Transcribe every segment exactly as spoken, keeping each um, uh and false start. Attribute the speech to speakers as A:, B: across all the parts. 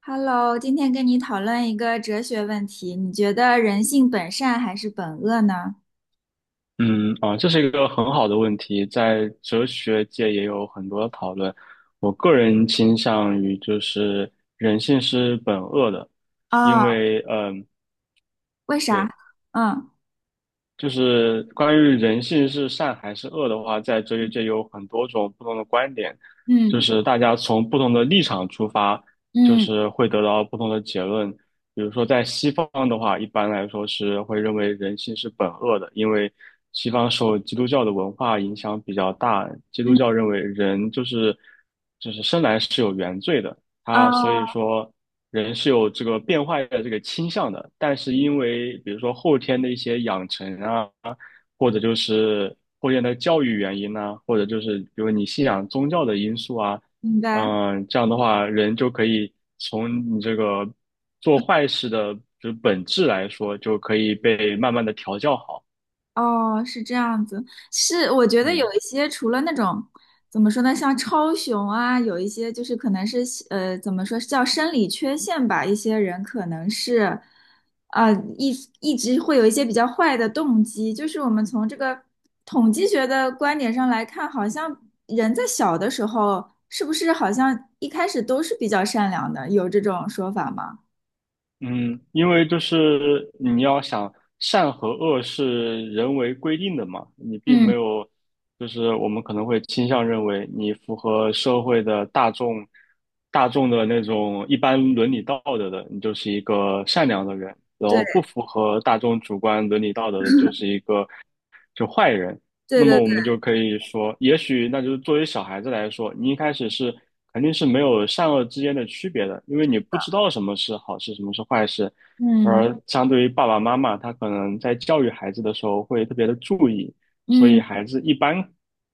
A: Hello,今天跟你讨论一个哲学问题，你觉得人性本善还是本恶呢？
B: 嗯啊，这是一个很好的问题，在哲学界也有很多讨论。我个人倾向于就是人性是本恶的。因
A: 啊，
B: 为嗯，
A: 为啥？
B: 对。
A: 嗯
B: 就是关于人性是善还是恶的话，在哲学界有很多种不同的观点，就
A: 嗯
B: 是大家从不同的立场出发，就
A: 嗯
B: 是会得到不同的结论。比如说，在西方的话，一般来说是会认为人性是本恶的，因为西方受基督教的文化影响比较大，基督
A: 嗯，
B: 教认为人就是就是生来是有原罪的，
A: 啊，
B: 他所以说。人是有这个变坏的这个倾向的，但是因为比如说后天的一些养成啊，或者就是后天的教育原因呢、或者就是比如你信仰宗教的因素啊，
A: 明白。
B: 嗯、这样的话，人就可以从你这个做坏事的就是本质来说，就可以被慢慢的调教好。
A: 哦，是这样子，是我觉得有
B: 嗯，
A: 一些除了那种怎么说呢，像超雄啊，有一些就是可能是呃怎么说叫生理缺陷吧，一些人可能是呃一一直会有一些比较坏的动机，就是我们从这个统计学的观点上来看，好像人在小的时候是不是好像一开始都是比较善良的，有这种说法吗？
B: 嗯，因为就是你要想善和恶是人为规定的嘛，你并没
A: 嗯，
B: 有，就是我们可能会倾向认为你符合社会的大众，大众的那种一般伦理道德的，你就是一个善良的人，然后
A: 对
B: 不符合大众主观伦理道德的，就是一个就坏人。
A: 对
B: 那么
A: 对
B: 我
A: 对，
B: 们就可以说，也许那就是作为小孩子来说，你一开始是。肯定是没有善恶之间的区别的，因为你不知道什么是好事，什么是坏事。
A: 嗯
B: 而相对于爸爸妈妈，他可能在教育孩子的时候会特别的注意，所
A: 嗯，
B: 以孩子一般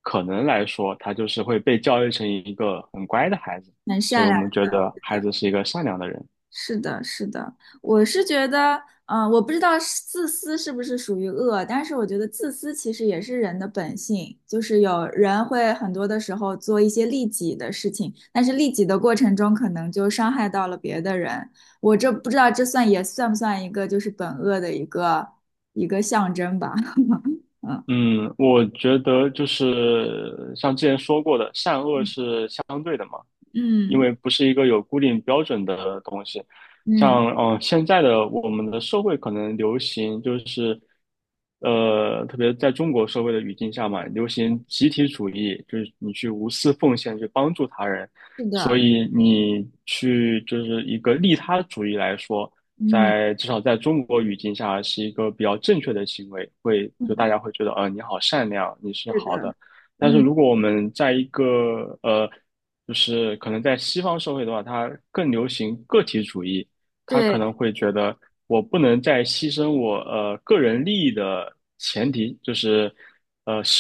B: 可能来说，他就是会被教育成一个很乖的孩子。
A: 很
B: 所
A: 善
B: 以我
A: 良
B: 们
A: 的。
B: 觉得孩子是一个善良的人。
A: 是的，是的，我是觉得，嗯、我不知道是自私是不是属于恶，但是我觉得自私其实也是人的本性，就是有人会很多的时候做一些利己的事情，但是利己的过程中可能就伤害到了别的人。我这不知道这算也算不算一个就是本恶的一个一个象征吧？嗯
B: 嗯，我觉得就是像之前说过的，善恶
A: 嗯
B: 是相对的嘛。因
A: 嗯
B: 为不是一个有固定标准的东西。
A: 嗯
B: 像嗯、呃现在的我们的社会可能流行就是，呃，特别在中国社会的语境下嘛，流行集体主义，就是你去无私奉献，去帮助他人。
A: 是
B: 所
A: 的，
B: 以你去就是一个利他主义来说，
A: 嗯，
B: 在至少在中国语境下是一个比较正确的行为，会就大
A: 嗯，
B: 家会觉得，呃，你好善良，你是
A: 是
B: 好
A: 的，
B: 的。但是
A: 嗯，
B: 如果我们在一个呃就是可能在西方社会的话，它更流行个体主义，它
A: 对，
B: 可能会觉得我不能再牺牲我呃个人利益的前提，就是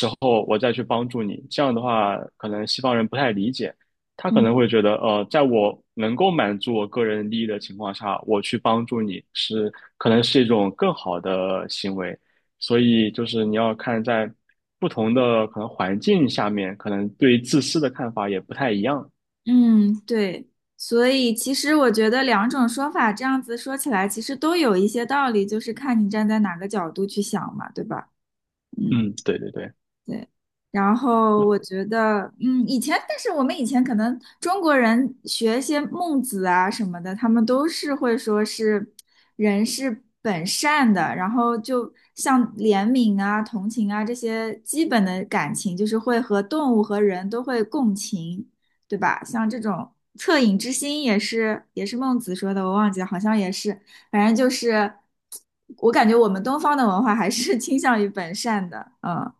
B: 然后我再去帮助你。这样的话，可能西方人不太理解，他可
A: 嗯。
B: 能会觉得呃，在我能够满足我个人利益的情况下，我去帮助你是可能是一种更好的行为。所以就是你要看在不同的可能环境下面，可能对自私的看法也不太一样。
A: 嗯，对，所以其实我觉得两种说法这样子说起来，其实都有一些道理，就是看你站在哪个角度去想嘛，对吧？嗯。
B: 嗯，对对对，
A: 对，然后我觉得，嗯，以前，但是我们以前可能中国人学一些孟子啊什么的，他们都是会说是人是本善的，然后就像怜悯啊、同情啊这些基本的感情，就是会和动物和人都会共情，对吧？像这种恻隐之心也是也是孟子说的，我忘记了，好像也是，反正就是，我感觉我们东方的文化还是 倾向于本善的，嗯。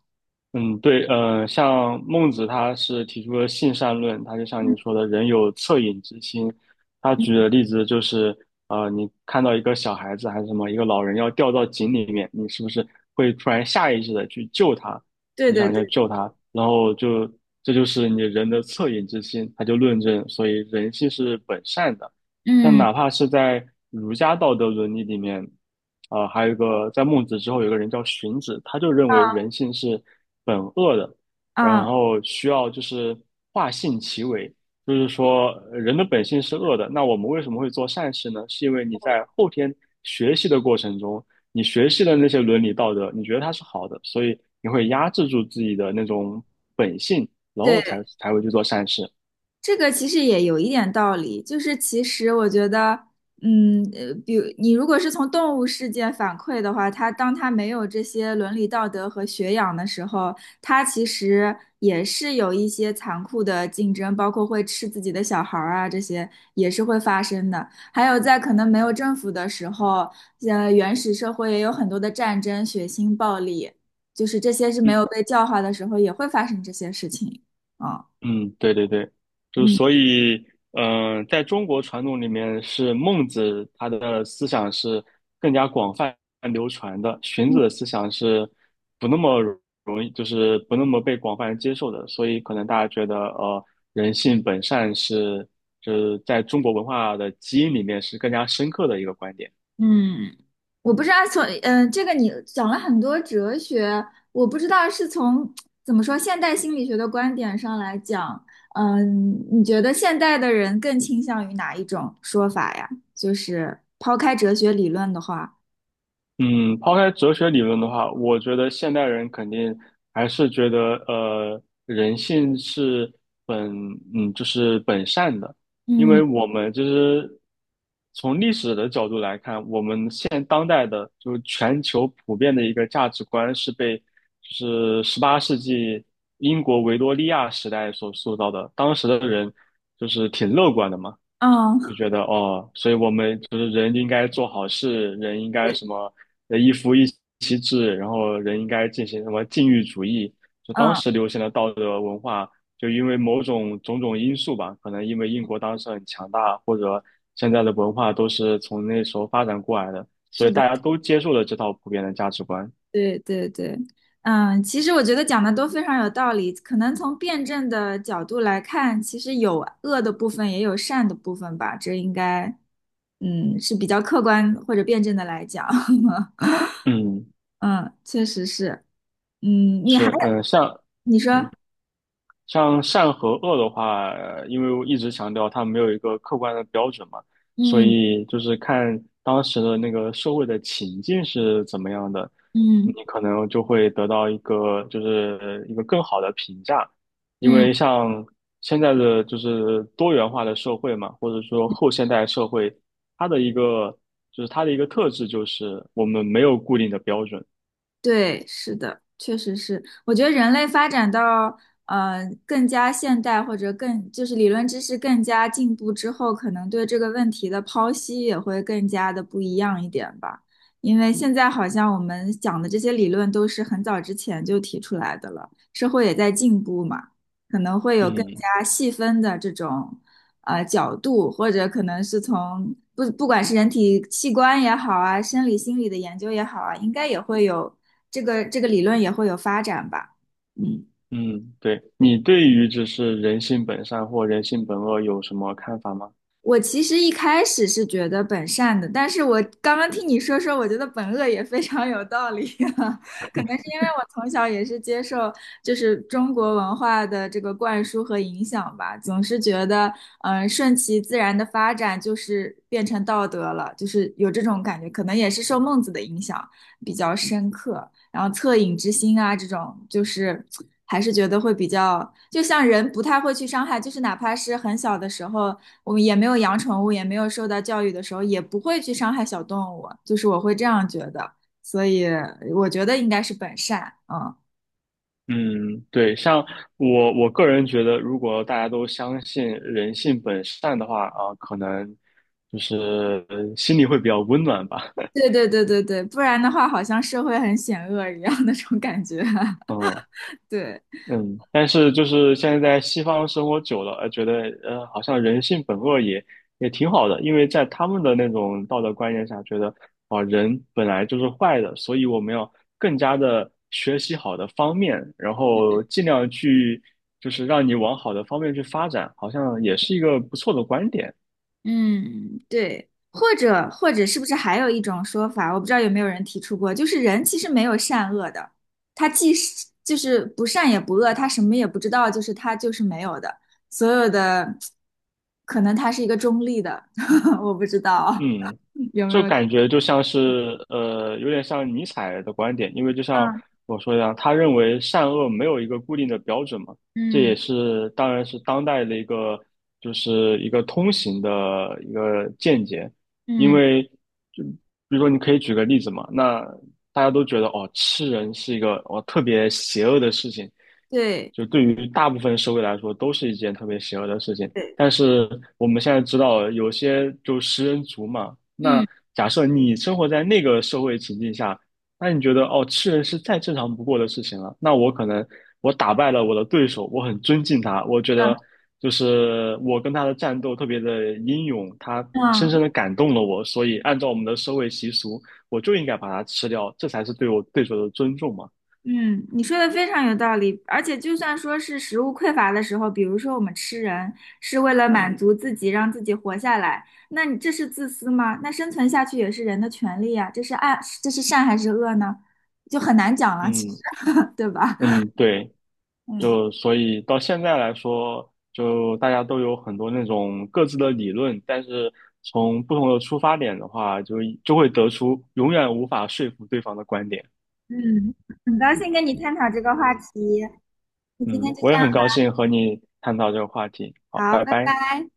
B: 嗯，对，呃，像孟子他是提出了性善论，他就像你说的，人有恻隐之心。他举的
A: 嗯
B: 例子就是，呃，你看到一个小孩子还是什么，一个老人要掉到井里面，你是不是会突然下意识的去救他？
A: 对
B: 你
A: 对
B: 想要
A: 对，
B: 救他，然后就这就是你人的恻隐之心。他就论证，所以人性是本善的。但
A: 嗯
B: 哪怕是在儒家道德伦理里面，啊、还有一个在孟子之后有个人叫荀子，他就认为
A: 啊
B: 人性是本恶的，然
A: 啊，
B: 后需要就是化性其为，就是说呃人的本性是恶的。那我们为什么会做善事呢？是因为你在后天学习的过程中，你学习的那些伦理道德，你觉得它是好的，所以你会压制住自己的那种本性，然后才
A: 对，
B: 才会去做善事。
A: 这个其实也有一点道理，就是其实我觉得，嗯，呃，比如你如果是从动物世界反馈的话，它当它没有这些伦理道德和学养的时候，它其实也是有一些残酷的竞争，包括会吃自己的小孩儿啊，这些也是会发生的。还有在可能没有政府的时候，呃，原始社会也有很多的战争、血腥、暴力，就是这些是没
B: 嗯
A: 有被教化的时候也会发生这些事情啊，
B: 嗯，对对对，就
A: 嗯。
B: 所以，嗯、在中国传统里面，是孟子他的思想是更加广泛流传的，荀子的思想是不那么容易，就是不那么被广泛人接受的，所以可能大家觉得，呃，人性本善是，就是在中国文化的基因里面是更加深刻的一个观点。
A: 嗯，我不知道从嗯、呃这个你讲了很多哲学，我不知道是从怎么说现代心理学的观点上来讲，嗯、你觉得现代的人更倾向于哪一种说法呀？就是抛开哲学理论的话，
B: 嗯，抛开哲学理论的话，我觉得现代人肯定还是觉得，呃，人性是本，嗯，就是本善的。因为
A: 嗯
B: 我们就是从历史的角度来看，我们现当代的就是全球普遍的一个价值观是被就是十八世纪英国维多利亚时代所塑造的，当时的人就是挺乐观的嘛。就
A: 嗯，
B: 觉得哦，所以我们就是人应该做好事，人应该
A: 对，
B: 什么呃一夫一妻制，然后人应该进行什么禁欲主义，就当
A: 嗯，
B: 时流行的道德文化，就因为某种种种因素吧，可能因为英国当时很强大，或者现在的文化都是从那时候发展过来的，所
A: 是
B: 以
A: 的。
B: 大家都接受了这套普遍的价值观。
A: 对对对，嗯，其实我觉得讲的都非常有道理。可能从辩证的角度来看，其实有恶的部分，也有善的部分吧。这应该，嗯，是比较客观或者辩证的来讲。
B: 嗯，
A: 嗯，确实是。嗯，你还，
B: 是，嗯，像。
A: 你说，
B: 嗯。像善和恶的话，呃因为我一直强调它没有一个客观的标准嘛，所
A: 嗯
B: 以就是看当时的那个社会的情境是怎么样的，你
A: 嗯
B: 可能就会得到一个就是一个更好的评价。因
A: 嗯。
B: 为像现在的就是多元化的社会嘛，或者说后现代社会，它的一个就是它的一个特质就是我们没有固定的标准。
A: 对，是的，确实是。我觉得人类发展到呃更加现代或者更就是理论知识更加进步之后，可能对这个问题的剖析也会更加的不一样一点吧。因为现在好像我们讲的这些理论都是很早之前就提出来的了，社会也在进步嘛。可能会有更
B: 嗯。
A: 加细分的这种呃角度，或者可能是从不不管是人体器官也好啊，生理心理的研究也好啊，应该也会有这个这个理论也会有发展吧。嗯。
B: 嗯，对，你对于就是人性本善或人性本恶有什么看法吗？
A: 我其实一开始是觉得本善的，但是我刚刚听你说说，我觉得本恶也非常有道理啊。可能是因为我从小也是接受就是中国文化的这个灌输和影响吧，总是觉得嗯、呃顺其自然的发展就是变成道德了，就是有这种感觉。可能也是受孟子的影响比较深刻，然后恻隐之心啊这种就是。还是觉得会比较，就像人不太会去伤害，就是哪怕是很小的时候，我们也没有养宠物，也没有受到教育的时候，也不会去伤害小动物，就是我会这样觉得，所以我觉得应该是本善，嗯，
B: 嗯，对，像我我个人觉得，如果大家都相信人性本善的话，啊，可能就是呃心里会比较温暖吧。
A: 对对对对对，不然的话好像社会很险恶一样那种感觉，
B: 嗯。
A: 对。
B: 嗯，但是就是现在在西方生活久了，呃，觉得呃，好像人性本恶也也挺好的，因为在他们的那种道德观念下，觉得啊，人本来就是坏的，所以我们要更加的学习好的方面，然后尽量去就是让你往好的方面去发展，好像也是一个不错的观点。
A: 嗯，对，或者或者是不是还有一种说法，我不知道有没有人提出过，就是人其实没有善恶的，他既是就是不善也不恶，他什么也不知道，就是他就是没有的，所有的可能他是一个中立的，我不知道
B: 嗯，
A: 有没
B: 就
A: 有。
B: 感觉就像是呃，有点像尼采的观点，因为就像
A: 嗯
B: 我说一样，他认为善恶没有一个固定的标准嘛，这
A: 嗯
B: 也是当然是当代的一个就是一个通行的一个见解，因
A: 嗯，
B: 为就比如说你可以举个例子嘛，那大家都觉得哦，吃人是一个哦特别邪恶的事情，
A: 对
B: 就对于大部分社会来说都是一件特别邪恶的事情。
A: 对，
B: 但是我们现在知道有些就食人族嘛，那
A: 嗯
B: 假设你生活在那个社会情境下，那你觉得哦，吃人是再正常不过的事情了。那我可能我打败了我的对手，我很尊敬他，我觉得
A: 嗯
B: 就是我跟他的战斗特别的英勇，他深深
A: 嗯。
B: 的感动了我，所以按照我们的社会习俗，我就应该把他吃掉，这才是对我对手的尊重嘛。
A: 嗯，你说的非常有道理，而且就算说是食物匮乏的时候，比如说我们吃人是为了满足自己，让自己活下来，那你这是自私吗？那生存下去也是人的权利呀，这是爱，这是善还是恶呢？就很难讲了，其实，
B: 嗯
A: 对吧？
B: 嗯，对。
A: 嗯
B: 就所以到现在来说，就大家都有很多那种各自的理论，但是从不同的出发点的话，就就会得出永远无法说服对方的观点。
A: 嗯，很高兴跟你探讨这个话题，那今天
B: 嗯，
A: 就这
B: 我也很高兴和你探讨这个话题。好，
A: 样，好，
B: 拜
A: 拜
B: 拜。
A: 拜。